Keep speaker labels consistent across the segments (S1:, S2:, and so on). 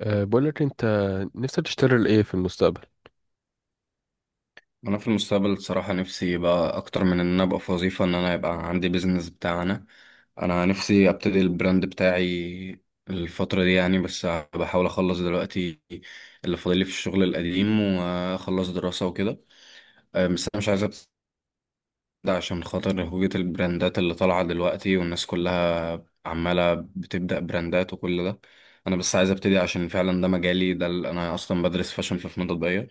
S1: بقول لك انت نفسك تشتغل ايه في المستقبل؟
S2: انا في المستقبل الصراحه نفسي بقى اكتر من ان انا ابقى في وظيفه ان انا يبقى عندي بيزنس بتاعنا. انا نفسي ابتدي البراند بتاعي الفتره دي يعني. بس بحاول اخلص دلوقتي اللي فاضل لي في الشغل القديم واخلص دراسه وكده. بس انا مش عايز ده عشان خاطر هوية البراندات اللي طالعة دلوقتي والناس كلها عمالة بتبدأ براندات وكل ده. أنا بس عايز أبتدي عشان فعلا ده مجالي، أنا أصلا بدرس فاشن في فنون تطبيقية.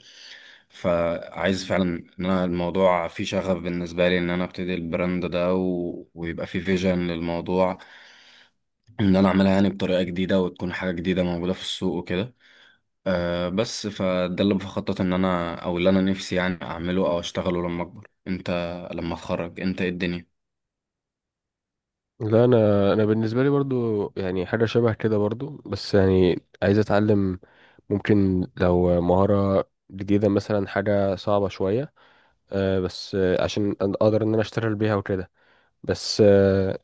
S2: فعايز فعلا إن أنا الموضوع فيه شغف بالنسبة لي، إن أنا أبتدي البراند ده ويبقى فيه فيجن للموضوع، إن أنا أعملها يعني بطريقة جديدة وتكون حاجة جديدة موجودة في السوق وكده. بس فده اللي بخطط إن أنا أو اللي أنا نفسي يعني أعمله أو أشتغله لما أكبر، أنت لما أتخرج، أنت إيه الدنيا؟
S1: لا، انا بالنسبه لي برضو يعني حاجه شبه كده برضو، بس يعني عايز اتعلم. ممكن لو مهاره جديده مثلا، حاجه صعبه شويه، بس عشان اقدر ان انا اشتغل بيها وكده. بس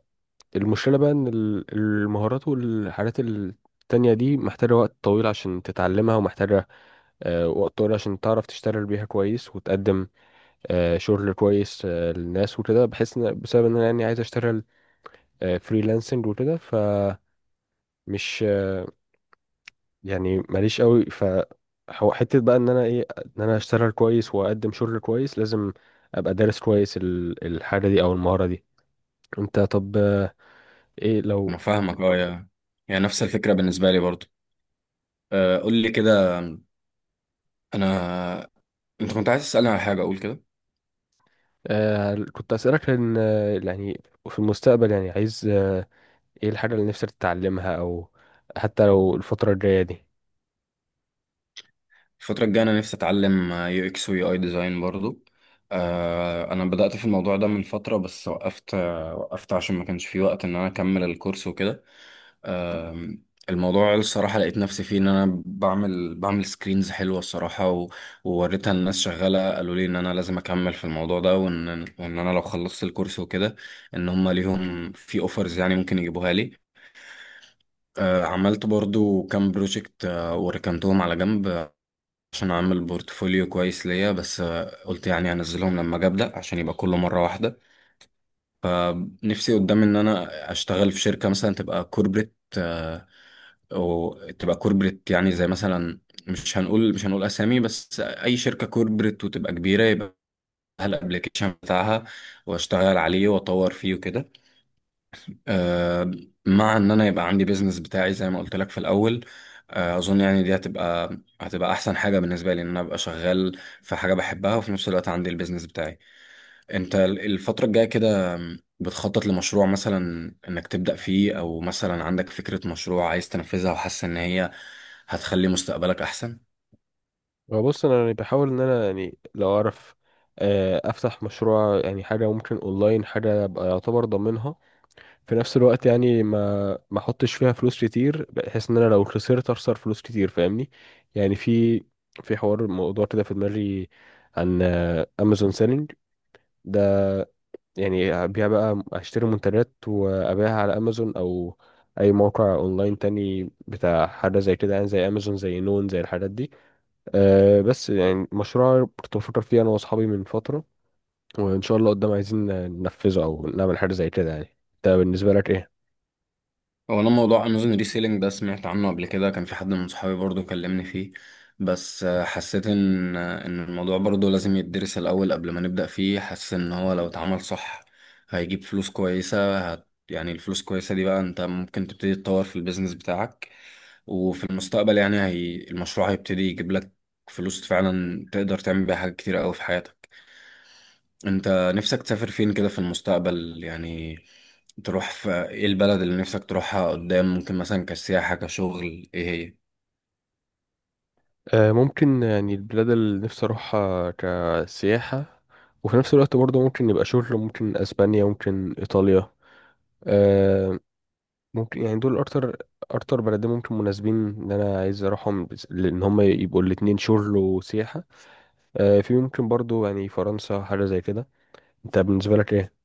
S1: المشكله بقى ان المهارات والحاجات التانية دي محتاجه وقت طويل عشان تتعلمها، ومحتاجه وقت طويل عشان تعرف تشتغل بيها كويس وتقدم شغل كويس للناس وكده. بحس ان بسبب ان انا يعني عايز اشتغل فريلانسنج وكده، فمش آه، يعني ماليش قوي. ف هو حته بقى ان انا ايه، ان انا اشتغل كويس واقدم شغل كويس، لازم ابقى دارس كويس الحاجه دي او المهاره دي. انت طب، ايه
S2: انا
S1: لو
S2: فاهمك اه يا. يعني نفس الفكره بالنسبه لي برضو. قول لي كده. انا، انت كنت عايز تسالني على حاجه اقول كده؟
S1: كنت اسالك؟ لان يعني في المستقبل يعني عايز ايه الحاجه اللي نفسك تتعلمها، او حتى لو الفتره الجايه دي؟
S2: الفتره الجايه انا نفسي اتعلم يو اكس ويو اي ديزاين برضو. انا بدات في الموضوع ده من فتره بس وقفت، وقفت عشان ما كانش في وقت ان انا اكمل الكورس وكده. آم، الموضوع الصراحة لقيت نفسي فيه، إن أنا بعمل سكرينز حلوة الصراحة ووريتها للناس شغالة قالوا لي إن أنا لازم أكمل في الموضوع ده، وإن، وإن أنا لو خلصت الكورس وكده إن هما ليهم في أوفرز يعني ممكن يجيبوها لي. عملت برضو كام بروجكت وركنتهم على جنب عشان أعمل بورتفوليو كويس ليا، بس قلت يعني أنزلهم لما أجي أبدأ عشان يبقى كله مرة واحدة. نفسي قدام إن أنا أشتغل في شركة مثلا تبقى كوربريت، وتبقى كوربريت يعني زي مثلا، مش هنقول اسامي، بس اي شركه كوربريت وتبقى كبيره يبقى لها الابلكيشن بتاعها واشتغل عليه واطور فيه وكده. آه، مع ان انا يبقى عندي بيزنس بتاعي زي ما قلت لك في الاول. اظن يعني دي هتبقى احسن حاجه بالنسبه لي، ان انا ابقى شغال في حاجه بحبها وفي نفس الوقت عندي البيزنس بتاعي. انت الفترة الجاية كده بتخطط لمشروع مثلا انك تبدأ فيه، او مثلا عندك فكرة مشروع عايز تنفذها وحاسس ان هي هتخلي مستقبلك احسن؟
S1: هو بص، انا يعني بحاول ان انا، يعني لو اعرف افتح مشروع يعني، حاجه ممكن اونلاين، حاجه ابقى يعتبر ضامنها في نفس الوقت، يعني ما احطش فيها فلوس كتير بحيث ان انا لو خسرت اخسر فلوس كتير. فاهمني؟ يعني في حوار، موضوع كده في دماغي، عن امازون سيلينج ده. يعني ابيع بقى، اشتري منتجات وابيعها على امازون او اي موقع اونلاين تاني بتاع حاجه زي كده، يعني زي امازون، زي نون، زي الحاجات دي. أه بس يعني مشروع كنت بفكر فيه انا واصحابي من فتره، وان شاء الله قدام عايزين ننفذه او نعمل حاجه زي كده. يعني انت بالنسبه لك ايه؟
S2: هو انا موضوع امازون ريسيلينج ده سمعت عنه قبل كده، كان في حد من صحابي برضو كلمني فيه. بس حسيت ان، ان الموضوع برضو لازم يدرس الاول قبل ما نبدأ فيه. حاسس ان هو لو اتعمل صح هيجيب فلوس كويسة، يعني الفلوس كويسة دي بقى انت ممكن تبتدي تطور في البيزنس بتاعك، وفي المستقبل يعني المشروع هيبتدي يجيب لك فلوس فعلا تقدر تعمل بيها حاجات كتيرة قوي في حياتك. انت نفسك تسافر فين كده في المستقبل يعني؟ تروح في ايه البلد اللي نفسك تروحها قدام، ممكن مثلا كسياحة كشغل، ايه هي؟
S1: أه ممكن، يعني البلاد اللي نفسي اروحها كسياحه وفي نفس الوقت برضه ممكن يبقى شغل، ممكن اسبانيا، ممكن ايطاليا. أه ممكن يعني دول اكتر، اكتر بلدين ممكن مناسبين ان انا عايز اروحهم، بس لان هم يبقوا الاتنين شغل وسياحه. أه في ممكن برضه يعني فرنسا، حاجه زي كده. انت بالنسبه لك ايه؟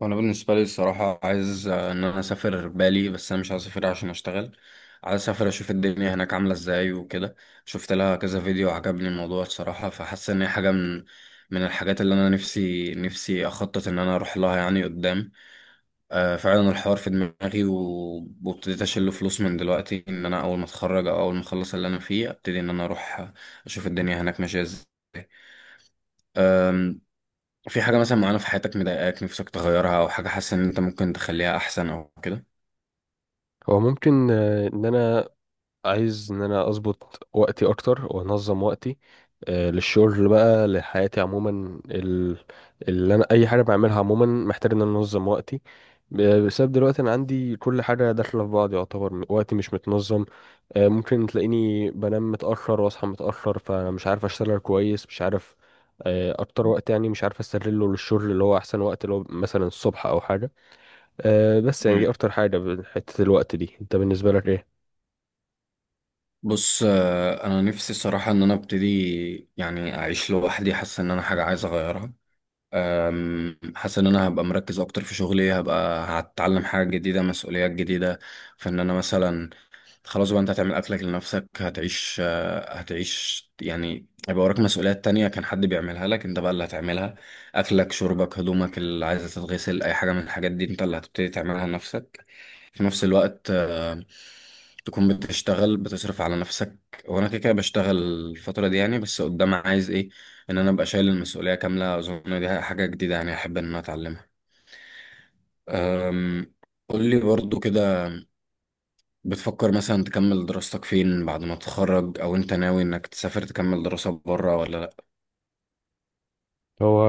S2: وانا بالنسبة لي الصراحة عايز، ان انا اسافر بالي، بس انا مش عايز اسافر عشان اشتغل. عايز اسافر اشوف الدنيا هناك عاملة ازاي وكده. شفت لها كذا فيديو عجبني الموضوع الصراحة، فحاسس ان هي حاجة من من الحاجات اللي انا نفسي اخطط ان انا اروح لها يعني قدام. فعلا الحوار في دماغي، وابتديت اشيل فلوس من دلوقتي ان انا اول ما اتخرج او اول ما اخلص اللي انا فيه ابتدي ان انا اروح اشوف الدنيا هناك ماشيه ازاي. أم، في حاجه مثلا معينه في حياتك مضايقاك نفسك تغيرها، او حاجه حاسس ان انت ممكن تخليها احسن او كده؟
S1: هو ممكن ان انا عايز ان انا اظبط وقتي اكتر وانظم وقتي للشغل بقى، لحياتي عموما، اللي انا اي حاجه بعملها عموما محتاج ان انا انظم وقتي، بسبب دلوقتي انا عندي كل حاجه داخله في بعض، يعتبر وقتي مش متنظم. ممكن تلاقيني بنام متاخر واصحى متاخر، فمش عارف اشتغل كويس، مش عارف اكتر وقت يعني مش عارف استغله للشغل، اللي هو احسن وقت اللي هو مثلا الصبح او حاجه. بس يعني دي
S2: مم.
S1: اكتر حاجه، حته الوقت دي. انت بالنسبه لك ايه؟
S2: بص، انا نفسي الصراحه ان انا ابتدي يعني اعيش لوحدي. حاسس ان انا حاجه عايز اغيرها. حاسس ان انا هبقى مركز اكتر في شغلي، هبقى هتعلم حاجه جديده، مسؤوليات جديده، في ان انا مثلا خلاص بقى انت هتعمل اكلك لنفسك، هتعيش، هتعيش يعني هيبقى وراك مسؤوليات تانية كان حد بيعملها لك، انت بقى اللي هتعملها. اكلك، شربك، هدومك اللي عايزة تتغسل، اي حاجة من الحاجات دي انت اللي هتبتدي تعملها لنفسك. في نفس الوقت تكون بتشتغل بتصرف على نفسك. وانا كده كده بشتغل الفترة دي يعني، بس قدام عايز ايه؟ ان انا ابقى شايل المسؤولية كاملة. اظن دي حاجة جديدة يعني احب ان انا اتعلمها. أم، قول لي برضو كده، بتفكر مثلا تكمل دراستك فين بعد ما تتخرج؟ او انت ناوي انك تسافر تكمل دراسة بره ولا؟
S1: هو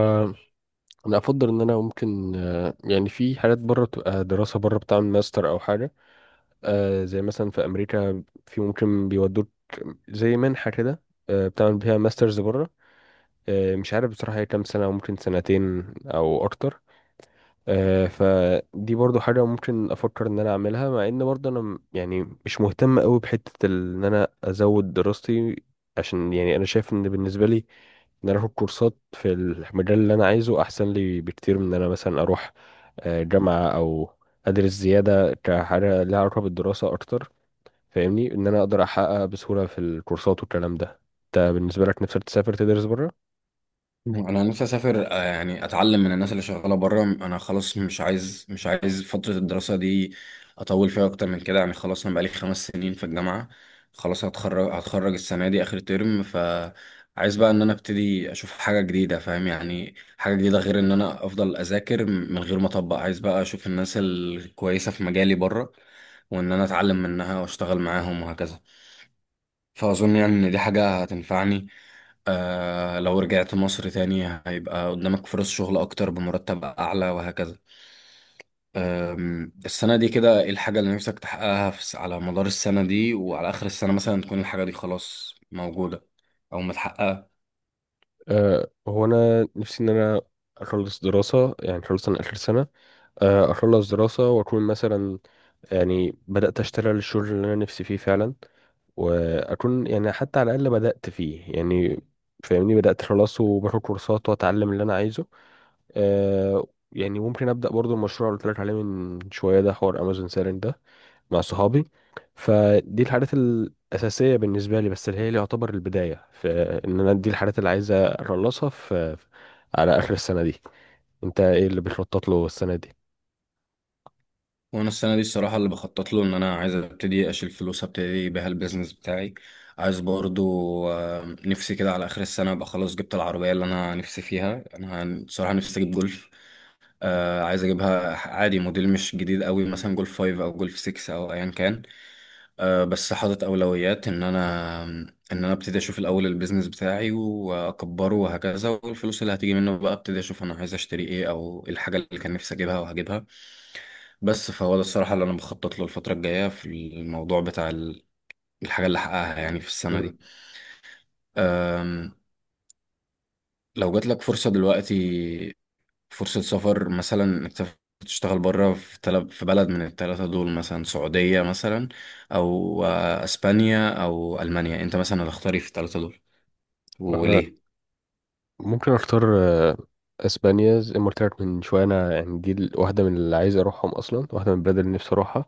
S1: انا افضل ان انا ممكن يعني في حاجات بره بتبقى دراسه بره، بتعمل ماستر او حاجه، زي مثلا في امريكا، في ممكن بيودوك، زي منحه كده، بتعمل بيها ماسترز بره. مش عارف بصراحه هي كام سنه، ممكن سنتين او اكتر. فدي برضو حاجه ممكن افكر ان انا اعملها، مع ان برضو انا يعني مش مهتم قوي بحته ان انا ازود دراستي. عشان يعني انا شايف ان بالنسبه لي، ان انا اخد كورسات في المجال اللي انا عايزه احسن لي بكتير من ان انا مثلا اروح جامعة او ادرس زيادة كحاجة ليها علاقة بالدراسة اكتر. فاهمني، ان انا اقدر احقق بسهولة في الكورسات والكلام ده. انت بالنسبة لك نفسك تسافر تدرس بره؟
S2: انا نفسي اسافر، يعني اتعلم من الناس اللي شغاله بره. انا خلاص مش عايز، مش عايز فتره الدراسه دي اطول فيها اكتر من كده. يعني خلاص انا بقالي 5 سنين في الجامعه، خلاص هتخرج، هتخرج السنه دي اخر ترم. فعايز بقى ان انا ابتدي اشوف حاجه جديده، فاهم؟ يعني حاجه جديده غير ان انا افضل اذاكر من غير ما اطبق. عايز بقى اشوف الناس الكويسه في مجالي بره، وان انا اتعلم منها واشتغل معاهم وهكذا. فاظن يعني ان دي حاجه هتنفعني. آه. لو رجعت مصر تاني هيبقى قدامك فرص شغل أكتر بمرتب أعلى وهكذا. السنة دي كده إيه الحاجة اللي نفسك تحققها في على مدار السنة دي، وعلى آخر السنة مثلا تكون الحاجة دي خلاص موجودة أو متحققة؟
S1: أه هو انا نفسي ان انا اخلص دراسة، يعني خلص انا اخر سنة. اخلص دراسة واكون مثلا يعني بدأت اشتغل الشغل اللي انا نفسي فيه فعلا، واكون يعني حتى على الاقل بدات فيه، يعني فاهمني بدات خلاص، وباخد كورسات واتعلم اللي انا عايزه. آه يعني ممكن ابدا برضو المشروع اللي قلت لك عليه من شويه ده، حوار امازون سيلينج ده مع صحابي. فدي الحاجات الاساسيه بالنسبه لي، بس اللي هي اللي يعتبر البدايه في ان انا، دي الحاجات اللي عايز اخلصها في على اخر السنه دي. انت ايه اللي بتخطط له السنه دي؟
S2: وأنا السنة دي الصراحة اللي بخطط له إن أنا عايز أبتدي أشيل فلوس أبتدي بيها البيزنس بتاعي. عايز برضو، نفسي كده على آخر السنة أبقى خلاص جبت العربية اللي أنا نفسي فيها. أنا صراحة نفسي أجيب جولف. آه عايز اجيبها عادي موديل مش جديد قوي، مثلا جولف 5 او جولف 6 او ايا كان. آه بس حاطط اولويات ان انا ان انا ابتدي اشوف الاول البيزنس بتاعي واكبره وهكذا، والفلوس اللي هتيجي منه بقى ابتدي اشوف انا عايز اشتري ايه، او إيه الحاجه اللي كان نفسي اجيبها وهجيبها. بس فهو ده الصراحه اللي انا بخطط له الفتره الجايه في الموضوع بتاع الحاجه اللي احققها يعني في السنه
S1: مم.
S2: دي. آم، لو جات لك فرصه دلوقتي، فرصة سفر مثلا انك تشتغل بره في في بلد من الثلاثة دول، مثلا سعودية مثلا أو أسبانيا أو ألمانيا، أنت مثلا هتختاري في الثلاثة دول؟ وليه؟
S1: ممكن اختار اسبانيا، زي ما قلت لك من شويه، انا يعني دي واحده من اللي عايز اروحهم اصلا، واحده من البلاد اللي نفسي اروحها.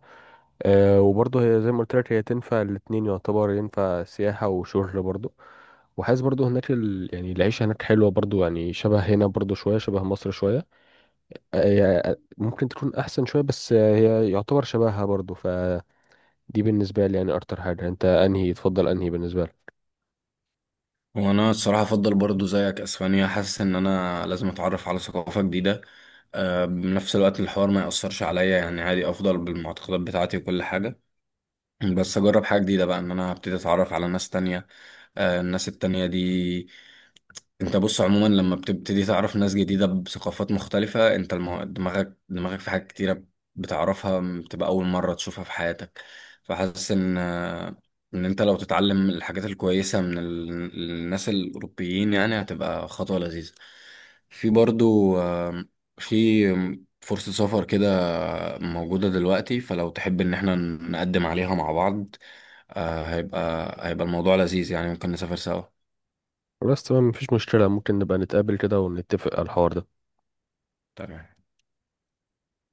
S1: أه وبرضه هي زي ما قلت لك، هي تنفع الاتنين، يعتبر ينفع سياحه وشغل برضه. وحاسس برضه هناك يعني العيشه هناك حلوه برضه، يعني شبه هنا برضه شويه، شبه مصر شويه. هي ممكن تكون احسن شويه، بس هي يعتبر شبهها برضه. فدي بالنسبه لي يعني اكتر حاجه. انت انهي تفضل؟ انهي بالنسبه لك؟
S2: وأنا الصراحة أفضل برضو زيك أسبانيا. حاسس إن أنا لازم أتعرف على ثقافة جديدة، بنفس الوقت الحوار ما يأثرش عليا يعني. عادي أفضل بالمعتقدات بتاعتي وكل حاجة، بس أجرب حاجة جديدة بقى إن أنا هبتدي أتعرف على ناس تانية. الناس التانية دي، انت بص عموما لما بتبتدي تعرف ناس جديدة بثقافات مختلفة انت، دماغك، في حاجات كتيرة بتعرفها بتبقى أول مرة تشوفها في حياتك. فحاسس ان ان انت لو تتعلم الحاجات الكويسة من الناس الأوروبيين يعني هتبقى خطوة لذيذة. في برضو، في فرصة سفر كده موجودة دلوقتي، فلو تحب ان احنا نقدم عليها مع بعض هيبقى، هيبقى الموضوع لذيذ يعني، ممكن نسافر سوا.
S1: بس تمام، مفيش مشكله. ممكن نبقى نتقابل كده ونتفق على الحوار ده.
S2: تمام.